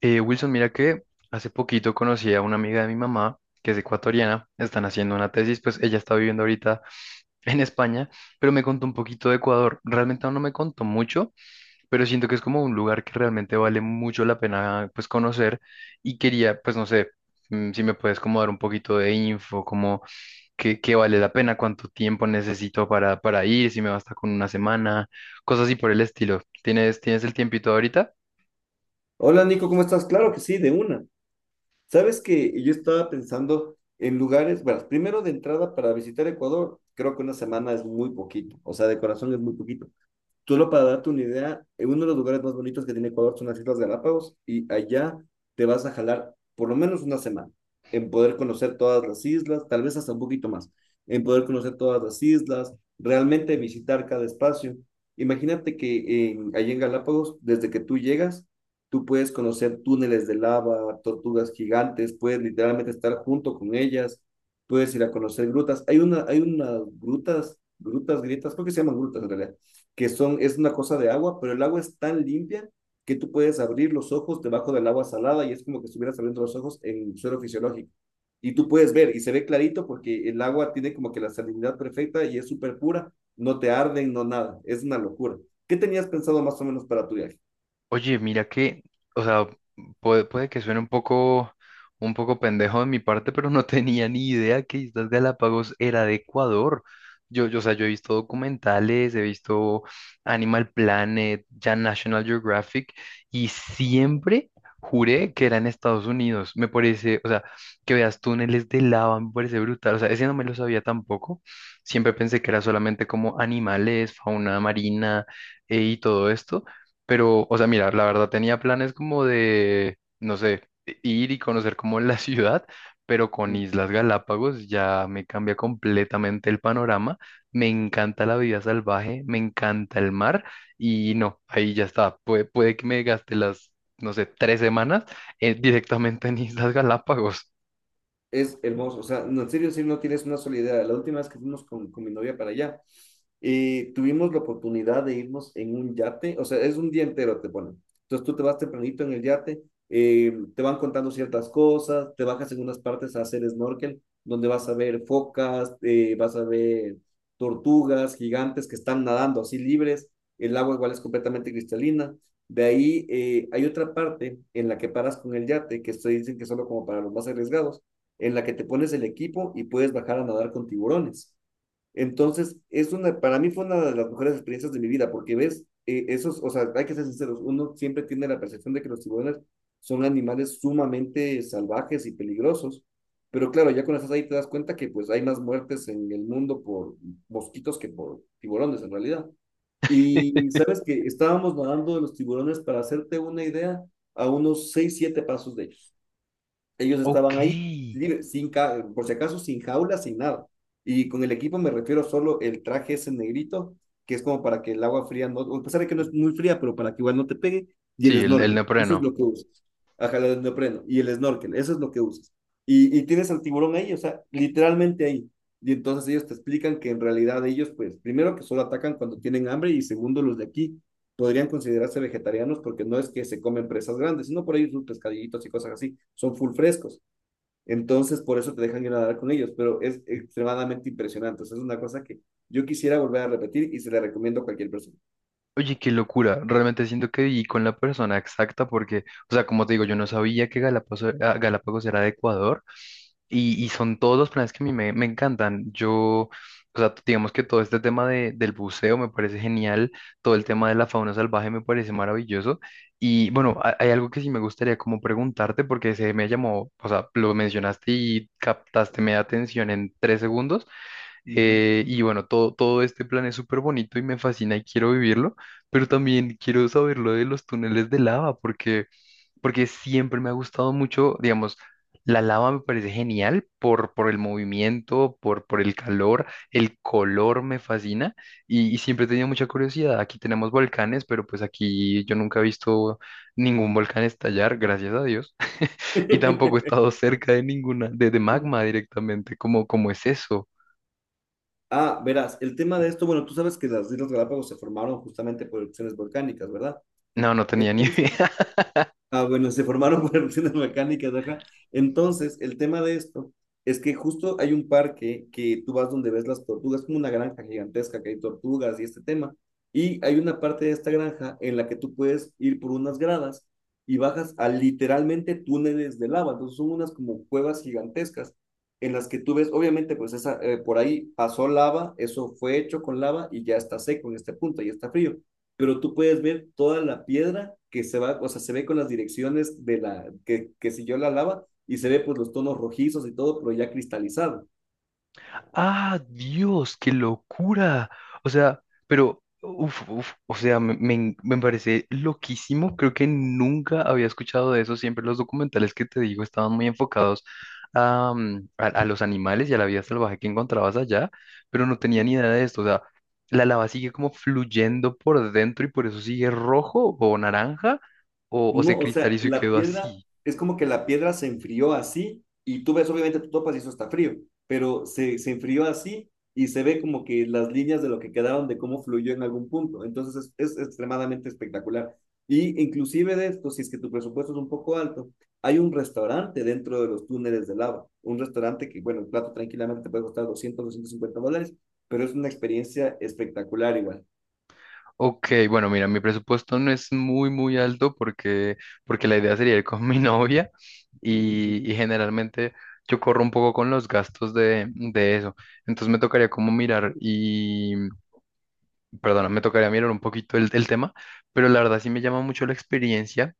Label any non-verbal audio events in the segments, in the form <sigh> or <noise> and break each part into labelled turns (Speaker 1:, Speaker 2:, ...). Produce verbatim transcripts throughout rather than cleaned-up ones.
Speaker 1: Eh, Wilson, mira que hace poquito conocí a una amiga de mi mamá, que es ecuatoriana, están haciendo una tesis, pues ella está viviendo ahorita <laughs> en España, pero me contó un poquito de Ecuador. Realmente aún no me contó mucho, pero siento que es como un lugar que realmente vale mucho la pena pues conocer y quería, pues no sé, mm, si me puedes como dar un poquito de info, como qué, qué vale la pena, cuánto tiempo necesito para, para ir, si me basta con una semana, cosas así por el estilo. ¿Tienes, tienes el tiempito ahorita?
Speaker 2: Hola Nico, ¿cómo estás? Claro que sí, de una. Sabes que yo estaba pensando en lugares, bueno, primero de entrada para visitar Ecuador, creo que una semana es muy poquito, o sea, de corazón es muy poquito. Tú Solo para darte una idea, eh, uno de los lugares más bonitos que tiene Ecuador son las Islas Galápagos, y allá te vas a jalar por lo menos una semana en poder conocer todas las islas, tal vez hasta un poquito más, en poder conocer todas las islas, realmente visitar cada espacio. Imagínate que en, allí en Galápagos, desde que tú llegas, tú puedes conocer túneles de lava, tortugas gigantes, puedes literalmente estar junto con ellas, puedes ir a conocer grutas. Hay una, hay unas grutas, grutas, grietas, creo que se llaman grutas en realidad, que son, es una cosa de agua, pero el agua es tan limpia que tú puedes abrir los ojos debajo del agua salada y es como que estuvieras abriendo los ojos en suelo fisiológico. Y tú puedes ver y se ve clarito porque el agua tiene como que la salinidad perfecta y es súper pura, no te arden, no nada, es una locura. ¿Qué tenías pensado más o menos para tu viaje? Mm.
Speaker 1: Oye, mira que, o sea, puede, puede que suene un poco, un poco pendejo de mi parte, pero no <laughs> tenía ni idea que Islas Galápagos era de Ecuador. Yo, yo, o sea, yo he visto documentales, he visto Animal Planet, ya National Geographic, y siempre juré que era en Estados Unidos. Me parece, o sea, que veas túneles de lava, me parece brutal. O sea, ese no me lo sabía tampoco. Siempre pensé que era solamente como animales, fauna marina, eh, y todo esto. Pero, o sea, mira, la verdad tenía planes como de, no sé, e, ir y conocer como <laughs> la ciudad, pero con Islas Galápagos ya me cambia completamente el panorama. Me encanta la vida salvaje, me encanta el mar y no, ahí ya está. Puede, puede que me gaste las, no sé, tres semanas eh, directamente en Islas Galápagos.
Speaker 2: Es hermoso, o sea, no, en serio, sí, no tienes una sola idea. La última vez que fuimos con, con mi novia para allá, eh, tuvimos la oportunidad de irnos en un yate, o sea, es un día entero, te ponen. Entonces tú te vas tempranito en el yate, eh, te van contando ciertas cosas, te bajas en unas partes a hacer snorkel, donde vas a ver focas, eh, vas a ver tortugas gigantes que están nadando así libres, el agua igual es completamente cristalina. De ahí eh, hay otra parte en la que paras con el yate, que esto dicen que es solo como para los más arriesgados, en la que te pones el equipo y puedes bajar a nadar con tiburones. Entonces, es una, para mí fue una de las mejores experiencias de mi vida, porque ves, eh, esos, o sea, hay que ser sinceros, uno siempre tiene la percepción de que los tiburones son animales sumamente salvajes y peligrosos, pero claro, ya cuando estás ahí te das cuenta que pues hay más muertes en el mundo por mosquitos que por tiburones en realidad.
Speaker 1: <laughs>
Speaker 2: Y sabes que estábamos nadando de los tiburones, para hacerte una idea, a unos seis siete pasos de ellos. Ellos
Speaker 1: Ok.
Speaker 2: estaban ahí,
Speaker 1: Sí,
Speaker 2: libre, sin ca- por si acaso, sin jaula, sin nada. Y con el equipo me refiero solo el traje ese negrito, que es como para que el agua fría, no, a pesar de que no es muy fría, pero para que igual no te pegue, y el
Speaker 1: el, el
Speaker 2: snorkel. Eso es
Speaker 1: neopreno.
Speaker 2: lo que usas. Ajá, el neopreno. Y el snorkel, eso es lo que usas. Y, y tienes al tiburón ahí, o sea, literalmente ahí. Y entonces ellos te explican que en realidad ellos, pues, primero que solo atacan cuando tienen hambre y segundo los de aquí podrían considerarse vegetarianos porque no es que se comen presas grandes, sino por ahí sus pescadillitos y cosas así, son full frescos. Entonces, por eso te dejan ir a nadar con ellos, pero es extremadamente impresionante. O sea, es una cosa que yo quisiera volver a repetir y se la recomiendo a cualquier persona.
Speaker 1: Oye, qué locura. Realmente siento que viví con la persona exacta porque, o sea, como te digo, yo no sabía que Galápagos, ah, Galápagos era de Ecuador y, y son todos los planes que a mí me, me encantan. Yo, o sea, digamos que todo este tema de, del buceo me parece genial, todo el tema de la fauna salvaje me parece maravilloso. Y bueno, ha- hay algo que sí me gustaría como preguntarte porque se me llamó, o sea, lo mencionaste y captaste mi atención en tres segundos
Speaker 2: Uh -huh.
Speaker 1: eh, y bueno, todo, todo, este plan es súper bonito y me fascina y quiero vivirlo, pero también quiero saber lo de los túneles de lava, porque, porque siempre me ha gustado mucho, digamos, la lava me parece genial por, por el movimiento, por, por el calor, el color me fascina y, y siempre he tenido mucha curiosidad. Aquí tenemos volcanes, pero pues aquí yo nunca he visto ningún volcán estallar, gracias a Dios, <laughs> y tampoco he estado
Speaker 2: <laughs>
Speaker 1: cerca de ninguna, de, de magma directamente, ¿cómo, cómo es eso?
Speaker 2: ah, verás, el tema de esto, bueno, tú sabes que las Islas Galápagos se formaron justamente por erupciones volcánicas, ¿verdad?
Speaker 1: No, no tenía ni <laughs>
Speaker 2: Entonces,
Speaker 1: idea.
Speaker 2: ah, bueno, se formaron <laughs> por erupciones volcánicas, ajá. Entonces, el tema de esto es que justo hay un parque que tú vas donde ves las tortugas, como una granja gigantesca que hay tortugas y este tema. Y hay una parte de esta granja en la que tú puedes ir por unas gradas y bajas a literalmente túneles de lava. Entonces, son unas como cuevas gigantescas en las que tú ves, obviamente, pues esa, eh, por ahí pasó lava, eso fue hecho con lava y ya está seco en este punto, ya está frío, pero tú puedes ver toda la piedra que se va, o sea, se ve con las direcciones de la, que, que siguió la lava, y se ve pues los tonos rojizos y todo, pero ya cristalizado.
Speaker 1: Ah, Dios, qué locura. O sea, pero, uf, uf, o sea, me, me en- me parece loquísimo. Creo que nunca había escuchado de eso. Siempre los documentales que te digo estaban muy enfocados a, mm, a, a los animales y a la vida salvaje que encontrabas allá, pero no tenía ni idea de esto. O sea, la lava sigue como fluyendo por dentro y por eso sigue rojo o naranja o, o, se
Speaker 2: No, o sea,
Speaker 1: cristalizó y
Speaker 2: la
Speaker 1: quedó
Speaker 2: piedra,
Speaker 1: así.
Speaker 2: es como que la piedra se enfrió así y tú ves, obviamente tú topas y eso está frío, pero se, se enfrió así y se ve como que las líneas de lo que quedaron, de cómo fluyó en algún punto. Entonces es, es extremadamente espectacular. Y inclusive de esto, si es que tu presupuesto es un poco alto, hay un restaurante dentro de los túneles de lava, un restaurante que, bueno, el plato tranquilamente te puede costar doscientos, doscientos cincuenta dólares, pero es una experiencia espectacular igual.
Speaker 1: Ok, bueno, mira, mi presupuesto no es muy, muy alto porque, porque la idea sería ir con <laughs> mi novia
Speaker 2: Ujú.
Speaker 1: y, y generalmente yo corro un poco con los gastos de, de eso. Entonces me tocaría como mirar y, perdona, me tocaría mirar un poquito el, el tema, pero la verdad sí me llama mucho la experiencia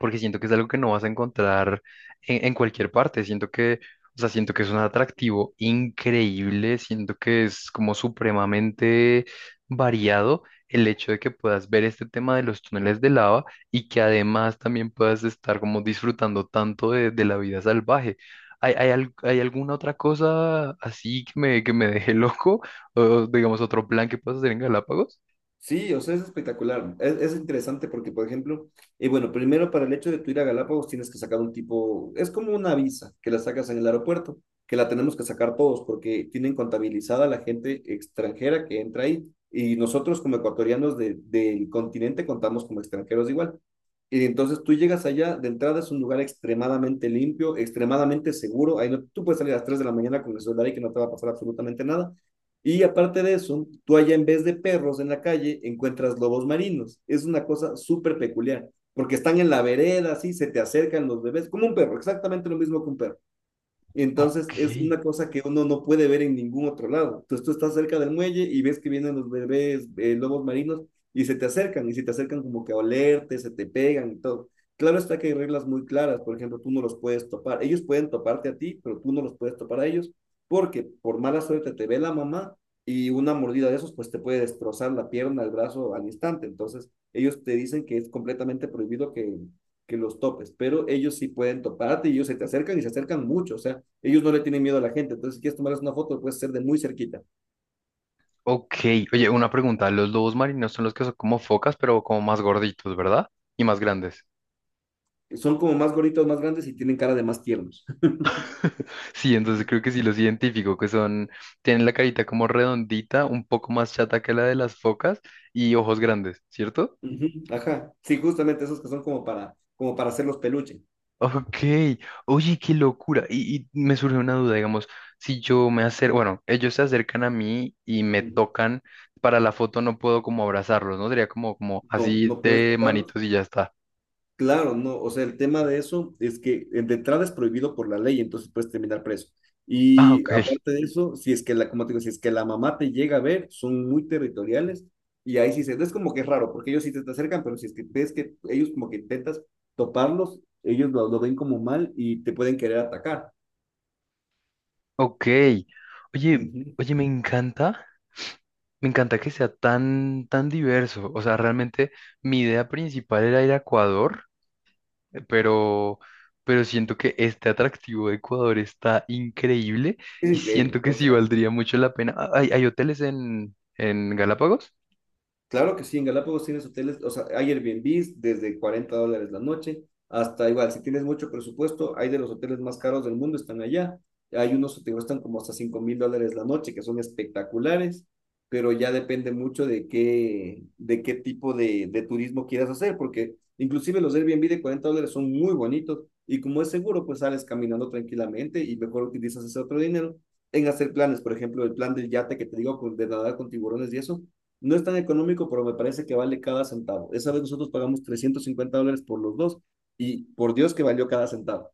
Speaker 1: porque siento que es algo que no vas a encontrar en, en cualquier parte. Siento que, o sea, siento que es un atractivo increíble, siento que es como supremamente variado el hecho de que puedas ver este tema de los túneles de lava y que además también puedas estar como disfrutando tanto de, de la vida salvaje. ¿Hay, hay, al- hay alguna otra cosa así que me, que me deje <laughs> loco? ¿O digamos, otro plan que puedas hacer en Galápagos?
Speaker 2: Sí, o sea, es espectacular. Es, es interesante porque, por ejemplo, eh, bueno, primero para el hecho de tu ir a Galápagos tienes que sacar un tipo, es como una visa que la sacas en el aeropuerto, que la tenemos que sacar todos porque tienen contabilizada la gente extranjera que entra ahí y nosotros como ecuatorianos de- del continente contamos como extranjeros igual. Y entonces tú llegas allá, de entrada es un lugar extremadamente limpio, extremadamente seguro. Ahí no, tú puedes salir a las tres de la mañana con el celular y que no te va a pasar absolutamente nada. Y aparte de eso, tú allá en vez de perros en la calle encuentras lobos marinos. Es una cosa súper peculiar, porque están en la vereda, así se te acercan los bebés, como un perro, exactamente lo mismo que un perro. Entonces
Speaker 1: Ok.
Speaker 2: es una cosa que uno no puede ver en ningún otro lado. Entonces tú estás cerca del muelle y ves que vienen los bebés, eh, lobos marinos, y se te acercan y se te acercan como que a olerte, se te pegan y todo. Claro está que hay reglas muy claras, por ejemplo, tú no los puedes topar. Ellos pueden toparte a ti, pero tú no los puedes topar a ellos porque por mala suerte te ve la mamá y una mordida de esos pues te puede destrozar la pierna, el brazo al instante. Entonces ellos te dicen que es completamente prohibido que, que los topes, pero ellos sí pueden toparte y ellos se te acercan y se acercan mucho, o sea, ellos no le tienen miedo a la gente. Entonces, si quieres tomarles una foto, lo puedes hacer de muy cerquita.
Speaker 1: Ok, oye, una pregunta. Los lobos marinos son los que son como focas, pero como más gorditos, ¿verdad? Y más grandes.
Speaker 2: Son como más gorditos, más grandes y tienen cara de más tiernos.
Speaker 1: <laughs> Sí, entonces creo que sí los identifico, que son, tienen la carita como redondita, un poco más chata que la de las focas y ojos grandes, ¿cierto?
Speaker 2: Ujú, ajá. Sí, justamente esos que son como para, como para hacerlos peluche.
Speaker 1: Ok, oye, qué locura. Y, y me surge una duda, digamos, si yo me acerco, bueno, ellos se acercan a mí y me
Speaker 2: Ujú.
Speaker 1: tocan, para la foto no puedo como abrazarlos, ¿no? Sería como, como
Speaker 2: No,
Speaker 1: así
Speaker 2: no puedes
Speaker 1: de
Speaker 2: toparlos.
Speaker 1: manitos y ya está.
Speaker 2: Claro, no, o sea, el tema de eso es que eh, de entrada es prohibido por la ley, entonces puedes terminar preso.
Speaker 1: Ah,
Speaker 2: Y
Speaker 1: ok.
Speaker 2: aparte de eso, si es que la, como te digo, si es que la mamá te llega a ver, son muy territoriales y ahí sí se, no es como que es raro, porque ellos sí te te acercan, pero si es que ves que ellos como que intentas toparlos, ellos lo, lo ven como mal y te pueden querer atacar.
Speaker 1: Ok. Oye,
Speaker 2: Ujú.
Speaker 1: oye, me encanta, me encanta que sea tan, tan diverso. O sea, realmente mi idea principal era ir a Ecuador, eh, pero, pero, siento que este atractivo de Ecuador está increíble
Speaker 2: Es
Speaker 1: y
Speaker 2: increíble,
Speaker 1: siento que
Speaker 2: o
Speaker 1: sí
Speaker 2: sea,
Speaker 1: valdría mucho la pena. Ah, ¿Hay, hay hoteles en, en Galápagos?
Speaker 2: claro que sí, en Galápagos tienes hoteles, o sea, hay Airbnbs desde cuarenta dólares la noche, hasta igual, si tienes mucho presupuesto, hay de los hoteles más caros del mundo, están allá. Hay unos que te cuestan como hasta cinco mil dólares la noche, que son espectaculares, pero ya depende mucho de qué, de qué tipo de, de turismo quieras hacer, porque inclusive los Airbnb de cuarenta dólares son muy bonitos y como es seguro, pues sales caminando tranquilamente y mejor utilizas ese otro dinero en hacer planes, por ejemplo, el plan del yate que te digo, con- de nadar con tiburones, y eso no es tan económico, pero me parece que vale cada centavo. Esa vez nosotros pagamos trescientos cincuenta dólares por los dos y por Dios que valió cada centavo.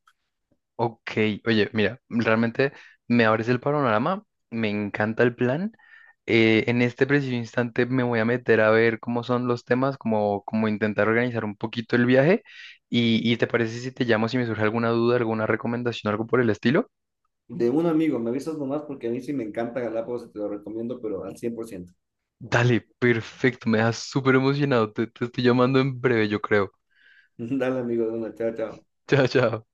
Speaker 1: Ok, oye, mira, realmente me abres el panorama, me encanta el plan. Eh, en este preciso instante me voy a meter a ver cómo son los temas, como, como intentar organizar un poquito el viaje. Y, ¿y te parece si te llamo si me surge alguna duda, alguna recomendación, algo por el estilo?
Speaker 2: De un amigo, me avisas nomás porque a mí sí me encanta Galápagos y te lo recomiendo, pero al cien por ciento.
Speaker 1: Dale, perfecto, me dejas súper emocionado. Te, te estoy llamando en breve, yo creo.
Speaker 2: <laughs> Dale, amigo, de una, chao, chao.
Speaker 1: <laughs> Chao, chao.